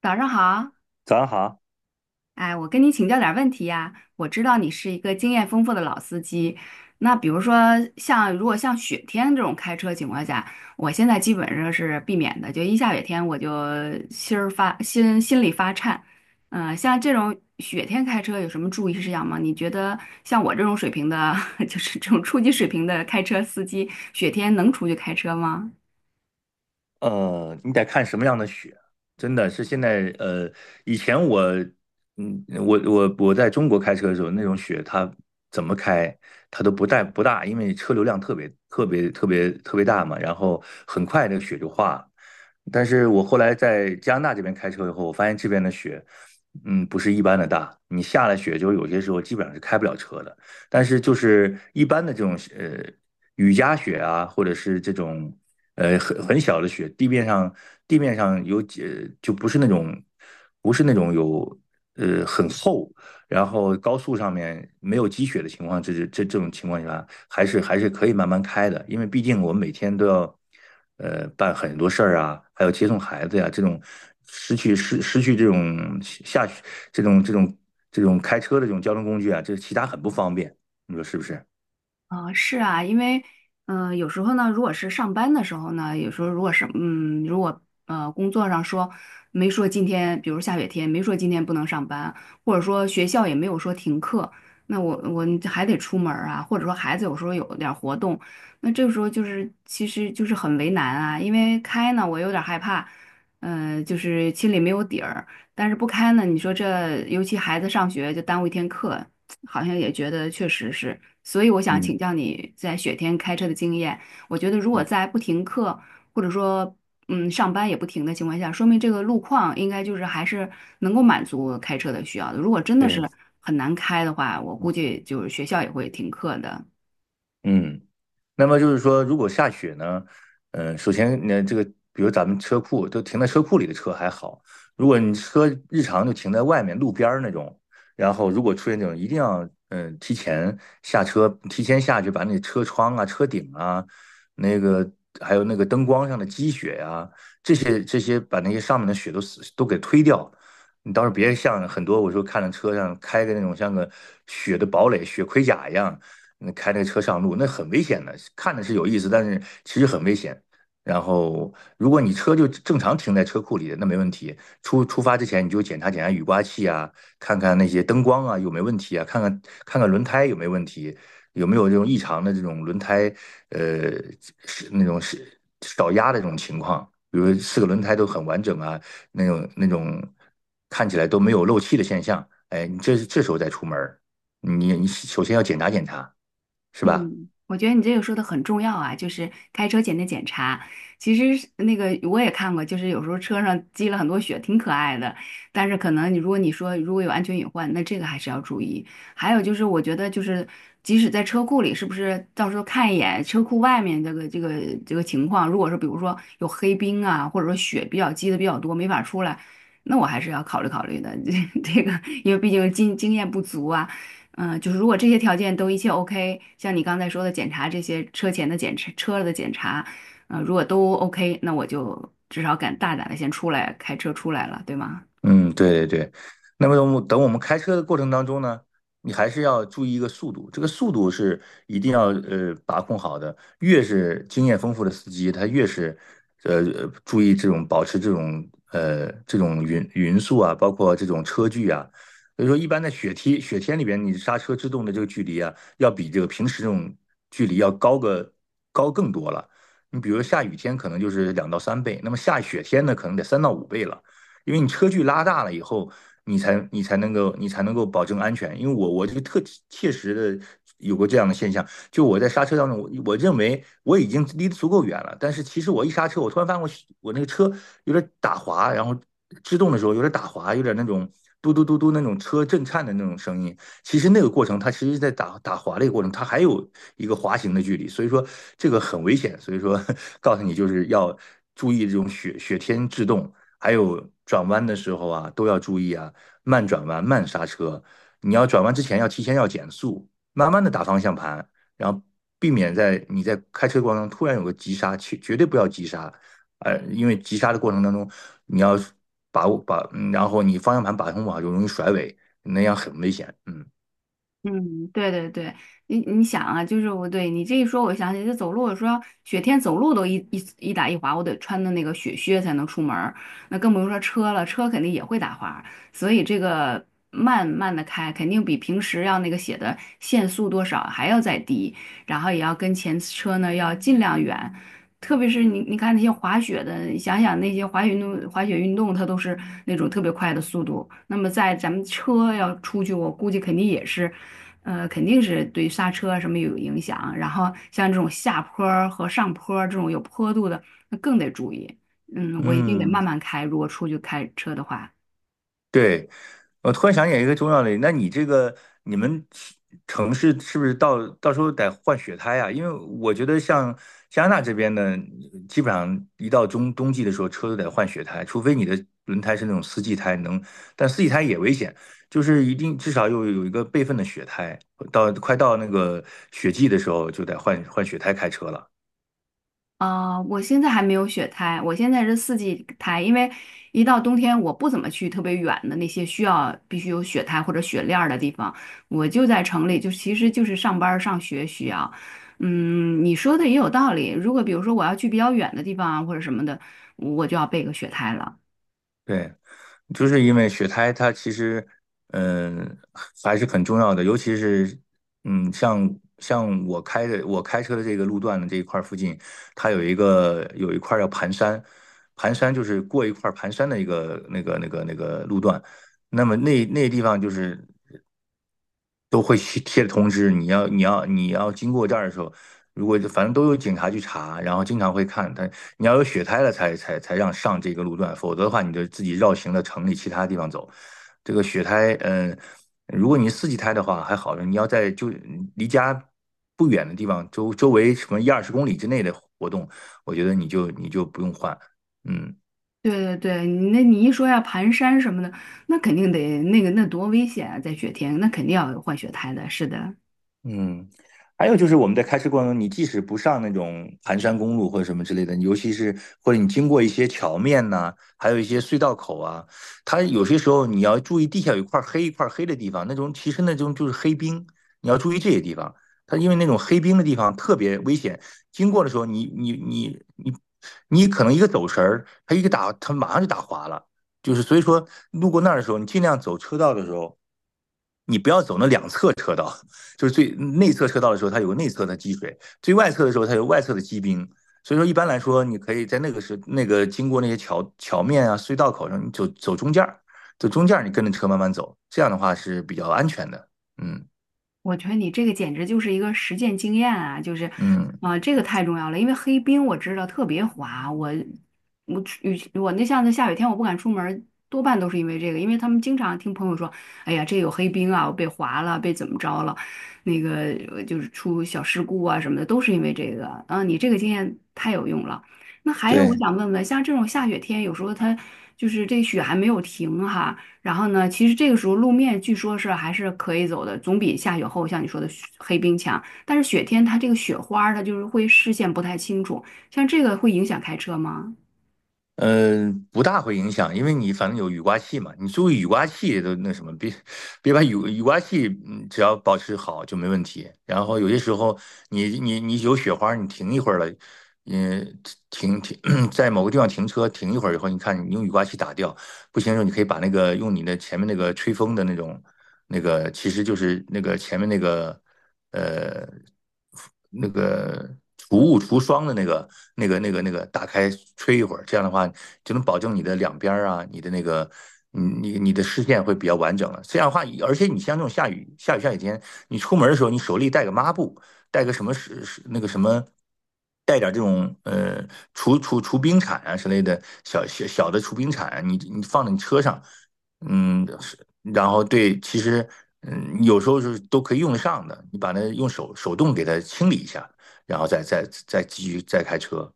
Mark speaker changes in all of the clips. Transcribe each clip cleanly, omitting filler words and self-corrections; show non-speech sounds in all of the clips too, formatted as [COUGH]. Speaker 1: 早上好，
Speaker 2: 早上好。
Speaker 1: 哎，我跟你请教点儿问题呀。我知道你是一个经验丰富的老司机，那比如说像如果像雪天这种开车情况下，我现在基本上是避免的，就一下雪天我就心里发颤。像这种雪天开车有什么注意事项吗？你觉得像我这种水平的，[LAUGHS] 就是这种初级水平的开车司机，雪天能出去开车吗？
Speaker 2: 你得看什么样的雪，真的是现在，以前我，我在中国开车的时候，那种雪它怎么开，它都不大，因为车流量特别特别特别特别大嘛，然后很快那个雪就化了。但是我后来在加拿大这边开车以后，我发现这边的雪，不是一般的大。你下了雪，就有些时候基本上是开不了车的。但是就是一般的这种雨夹雪啊，或者是这种很小的雪，地面上有就不是那种很厚，然后高速上面没有积雪的情况，这种情况下。还是可以慢慢开的，因为毕竟我们每天都要，办很多事儿啊、还有接送孩子呀、这种失去失失去这种下这种这种这种开车的这种交通工具啊，这其他很不方便，你说是不是？
Speaker 1: 啊，是啊，因为，有时候呢，如果是上班的时候呢，有时候如果是，如果工作上说没说今天，比如下雪天没说今天不能上班，或者说学校也没有说停课，那我还得出门儿啊，或者说孩子有时候有点儿活动，那这个时候就是其实就是很为难啊，因为开呢我有点儿害怕，就是心里没有底儿，但是不开呢，你说这尤其孩子上学就耽误一天课，好像也觉得确实是，所以我想请
Speaker 2: 嗯，
Speaker 1: 教你在雪天开车的经验。我觉得如果在不停课或者说上班也不停的情况下，说明这个路况应该就是还是能够满足开车的需要的。如果真的是
Speaker 2: 对，
Speaker 1: 很难开的话，我估
Speaker 2: 嗯。
Speaker 1: 计就是学校也会停课的。
Speaker 2: 嗯。那么就是说，如果下雪呢，首先那这个，比如咱们车库都停在车库里的车还好，如果你车日常就停在外面路边儿那种，然后如果出现这种，一定要提前下车，提前下去把那车窗啊、车顶啊，那个还有那个灯光上的积雪呀、啊这些把那些上面的雪都死、都给推掉。你到时候别像很多我说看着车上开个那种像个雪的堡垒、雪盔甲一样，那开那个车上路，那很危险的。看的是有意思，但是其实很危险。然后，如果你车就正常停在车库里的，那没问题。出发之前，你就检查检查雨刮器啊，看看那些灯光啊有没有问题啊，看看轮胎有没有问题，有没有这种异常的这种轮胎呃是那种是少压的这种情况，比如四个轮胎都很完整啊，那种看起来都没有漏气的现象。哎，你这时候再出门儿，你首先要检查检查。是吧？
Speaker 1: 嗯，我觉得你这个说的很重要啊，就是开车前的检查。其实是那个我也看过，就是有时候车上积了很多雪，挺可爱的。但是可能你如果你说如果有安全隐患，那这个还是要注意。还有就是，我觉得就是即使在车库里，是不是到时候看一眼车库外面这个情况，如果是比如说有黑冰啊，或者说雪比较积的比较多，没法出来。那我还是要考虑考虑的，[LAUGHS] 这个，因为毕竟经验不足啊。就是如果这些条件都一切 OK，像你刚才说的检查这些车前的检查、车的检查，如果都 OK，那我就至少敢大胆的先出来开车出来了，对吗？
Speaker 2: 嗯，对对对。那么等我们开车的过程当中呢，你还是要注意一个速度，这个速度是一定要把控好的。越是经验丰富的司机，他越是注意这种保持这种这种匀速啊、包括这种车距啊。所以说，一般在雪天里边，你刹车制动的这个距离啊，要比这个平时这种距离要高更多了。你比如下雨天可能就是2到3倍，那么下雪天呢，可能得三到五倍了。因为你车距拉大了以后，你才能够保证安全。因为我这个切实的有过这样的现象，就我在刹车当中，我认为我已经离得足够远了，但是其实我一刹车，我突然发现我那个车有点打滑，然后制动的时候有点打滑，有点那种嘟嘟嘟嘟那种车震颤的那种声音。其实那个过程，它其实在打滑的一个过程，它还有一个滑行的距离，所以说这个很危险。所以说 [LAUGHS] 告诉你就是要注意这种雪天制动，还有转弯的时候啊，都要注意啊，慢转弯、慢刹车。你要转弯之前要提前要减速，慢慢的打方向盘，然后避免在你在开车过程中突然有个急刹，去绝对不要急刹，因为急刹的过程当中，你要把握把，嗯然后你方向盘把控不好就容易甩尾，那样很危险。嗯
Speaker 1: 嗯，对对对，你想啊，就是我对你这一说，我想起这走路，我说雪天走路都一打一滑，我得穿的那个雪靴才能出门儿，那更不用说车了，车肯定也会打滑，所以这个慢慢的开，肯定比平时要那个写的限速多少还要再低，然后也要跟前车呢要尽量远，特别是你看那些滑雪的，你想想那些滑雪运动，它都是那种特别快的速度，那么在咱们车要出去，我估计肯定也是。肯定是对刹车啊什么有影响，然后像这种下坡儿和上坡儿这种有坡度的，那更得注意。我一定得慢
Speaker 2: 嗯。
Speaker 1: 慢开，如果出去开车的话。
Speaker 2: 对，我突然想起一个重要的，那你这个你们西城市是不是到时候得换雪胎啊？因为我觉得像加拿大这边呢，基本上一到冬季的时候，车都得换雪胎，除非你的轮胎是那种四季胎能，但四季胎也危险，就是一定至少有一个备份的雪胎，到快到那个雪季的时候就得换换雪胎开车了。
Speaker 1: 啊、我现在还没有雪胎，我现在是四季胎，因为一到冬天我不怎么去特别远的那些需要必须有雪胎或者雪链儿的地方，我就在城里，就其实就是上班儿上学需要。你说的也有道理，如果比如说我要去比较远的地方啊或者什么的，我就要备个雪胎了。
Speaker 2: 对，就是因为雪胎它其实，嗯，还是很重要的，尤其是，嗯，像我开车的这个路段的这一块儿附近，它有一块儿叫盘山，盘山就是过一块儿盘山的一个那个路段，那么那地方就是。都会去贴着通知，你要经过这儿的时候，如果反正都有警察去查，然后经常会看，但你要有血胎了才让上这个路段，否则的话你就自己绕行到城里其他地方走。这个血胎，如果你是四季胎的话还好，你要在就离家不远的地方，周围什么一二十公里之内的活动，我觉得你就不用换，嗯。
Speaker 1: 对对对，你那你一说要盘山什么的，那肯定得那个那多危险啊，在雪天，那肯定要有换雪胎的。是的，
Speaker 2: 嗯，还有就是我们在开车过程中，你即使不上那种盘山公路或者什么之类的，尤其是或者你经过一些桥面呐、还有一些隧道口啊，它有些时候你要注意地下有一块黑一块黑的地方，那种其实那种就是黑冰，你要注意这些地方。它因为那种黑冰的地方特别危险，经过的时候你可能一个走神儿，它一个打它马上就打滑了。就是所以说，路过那儿的时候，你尽量走车道的时候，你不要走那两侧车道。就是最内侧车道的时候，它有个内侧的积水；最外侧的时候，它有外侧的积冰。所以说，一般来说，你可以在那个经过那些桥面啊、隧道口上，你走中间儿，走中间儿，你跟着车慢慢走，这样的话是比较安全的。嗯
Speaker 1: 我觉得你这个简直就是一个实践经验啊，就是，
Speaker 2: 嗯，
Speaker 1: 啊、这个太重要了，因为黑冰我知道特别滑，我我雨我那像那下雨天我不敢出门儿多半都是因为这个，因为他们经常听朋友说，哎呀，这有黑冰啊，我被滑了，被怎么着了，那个就是出小事故啊什么的，都是因为这个。啊，你这个经验太有用了。那还有，我
Speaker 2: 对。
Speaker 1: 想问问，像这种下雪天，有时候它就是这雪还没有停哈、然后呢，其实这个时候路面据说是还是可以走的，总比下雪后像你说的雪黑冰强。但是雪天它这个雪花儿它就是会视线不太清楚，像这个会影响开车吗？
Speaker 2: 嗯，不大会影响，因为你反正有雨刮器嘛，你注意雨刮器都那什么，别把雨刮器，只要保持好就没问题。然后有些时候你有雪花你停一会儿了，嗯，停 [CLEARS THROAT] 在某个地方停车停一会儿以后，你看你用雨刮器打掉，不行的时候你可以把那个用你的前面那个吹风的那种那个，其实就是那个前面那个。呃那个除雾除霜的那个打开吹一会儿，这样的话就能保证你的两边儿啊、你的那个你的视线会比较完整了。这样的话，而且你像这种下雨天，你出门的时候，你手里带个抹布，带个什么是那个什么。带点这种除冰铲啊之类的小的除冰铲啊，你放在你车上，嗯，然后对，其实有时候是都可以用得上的。你把那用手手动给它清理一下，然后再继续再开车，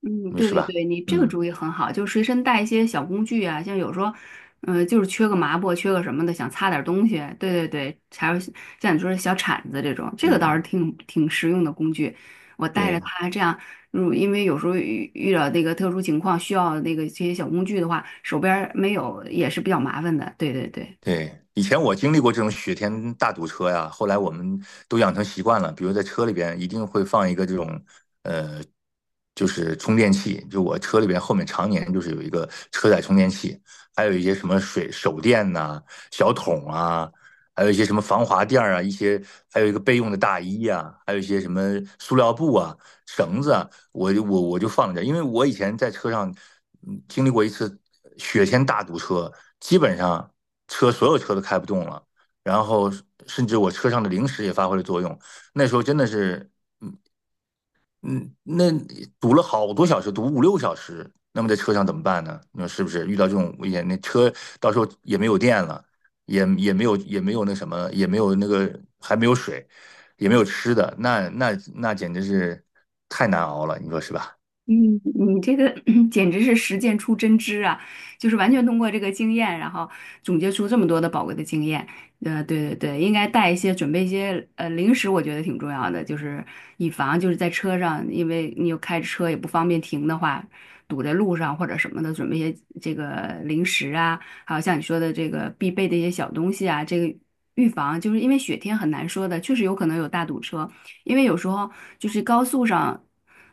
Speaker 1: 嗯，
Speaker 2: 你说
Speaker 1: 对
Speaker 2: 是
Speaker 1: 对
Speaker 2: 吧？
Speaker 1: 对，你这个
Speaker 2: 嗯
Speaker 1: 主意很好，就是随身带一些小工具啊，像有时候，就是缺个抹布，缺个什么的，想擦点东西，对对对，还有像你说的小铲子这种，这个倒是
Speaker 2: 嗯，
Speaker 1: 挺实用的工具。我带着
Speaker 2: 对。
Speaker 1: 它，这样，因为有时候遇到那个特殊情况需要那个这些小工具的话，手边儿没有也是比较麻烦的。对对对。
Speaker 2: 对，以前我经历过这种雪天大堵车呀，后来我们都养成习惯了，比如在车里边一定会放一个这种，呃，就是充电器，就我车里边后面常年就是有一个车载充电器，还有一些什么水手电呐、小桶啊，还有一些什么防滑垫儿啊、一些还有一个备用的大衣啊，还有一些什么塑料布啊、绳子啊，我就我就放着，因为我以前在车上经历过一次雪天大堵车，基本上。所有车都开不动了，然后甚至我车上的零食也发挥了作用。那时候真的是，嗯嗯，那堵了好多小时，堵五六小时。那么在车上怎么办呢？你说是不是？遇到这种危险，那车到时候也没有电了，也没有那什么，也没有那个还没有水，也没有吃的，那简直是太难熬了，你说是吧？
Speaker 1: 嗯，你这个 [CLEARS THROAT] 简直是实践出真知啊！就是完全通过这个经验，然后总结出这么多的宝贵的经验。对对对，应该带一些，准备一些零食，我觉得挺重要的，就是以防就是在车上，因为你又开着车也不方便停的话，堵在路上或者什么的，准备一些这个零食啊，还有像你说的这个必备的一些小东西啊，这个预防就是因为雪天很难说的，确实有可能有大堵车。因为有时候就是高速上，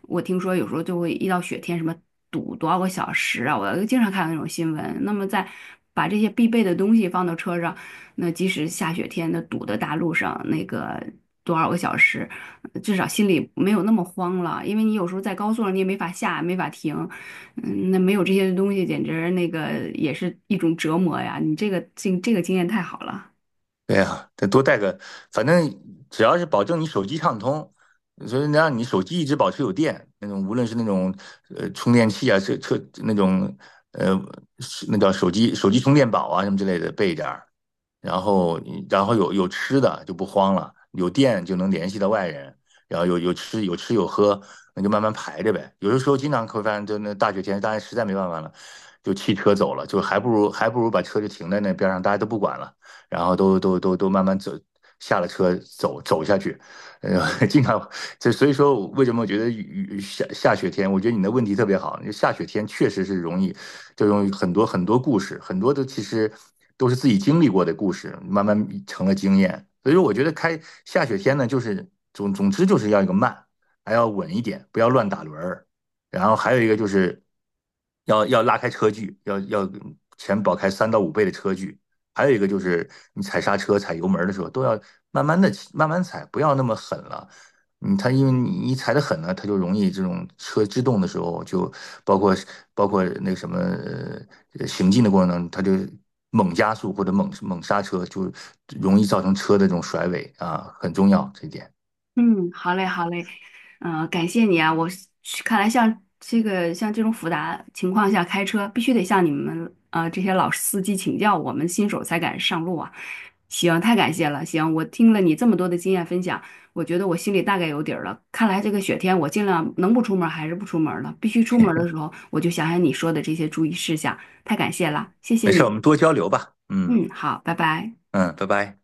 Speaker 1: 我听说有时候就会遇到雪天，什么堵多少个小时啊，我经常看到那种新闻。那么在把这些必备的东西放到车上，那即使下雪天的堵的大路上，那个多少个小时，至少心里没有那么慌了。因为你有时候在高速上你也没法下，没法停，那没有这些东西，简直那个也是一种折磨呀。你这个经验太好了。
Speaker 2: 对呀，得多带个，反正只要是保证你手机畅通，所以能让你手机一直保持有电，那种无论是那种充电器啊，车那种呃是那叫手机充电宝啊什么之类的备一点儿，然后有吃的就不慌了，有电就能联系到外人，然后有吃有喝，那就慢慢排着呗。有的时候经常会发现，就那大雪天，大家实在没办法了，就弃车走了，就还不如把车就停在那边上，大家都不管了，然后都慢慢走，下了车走下去。[LAUGHS] 经常这，所以说为什么我觉得雨雨下下雪天，我觉得你的问题特别好，就下雪天确实是容易，就容易很多很多故事，很多的其实都是自己经历过的故事，慢慢成了经验。所以说，我觉得开下雪天呢，就是总之就是要一个慢，还要稳一点，不要乱打轮儿。然后还有一个就是要拉开车距，要前保开三到五倍的车距。还有一个就是你踩刹车、踩油门的时候，都要慢慢踩，不要那么狠了。它因为你一踩的狠呢，它就容易这种车制动的时候，就包括包括那个什么行进的过程当中，它就猛加速或者猛刹车，就容易造成车的这种甩尾啊，很重要这一点。
Speaker 1: 嗯，好嘞，好嘞，感谢你啊！看来像这种复杂情况下开车，必须得向你们这些老司机请教，我们新手才敢上路啊！行，太感谢了。行，我听了你这么多的经验分享，我觉得我心里大概有底儿了。看来这个雪天我尽量能不出门儿还是不出门儿了，必须出门儿的时候我就想想你说的这些注意事项，太感谢了，谢谢
Speaker 2: 没事儿，我
Speaker 1: 你。
Speaker 2: 们多交流吧。嗯
Speaker 1: 嗯，好，拜拜。
Speaker 2: 嗯，拜拜。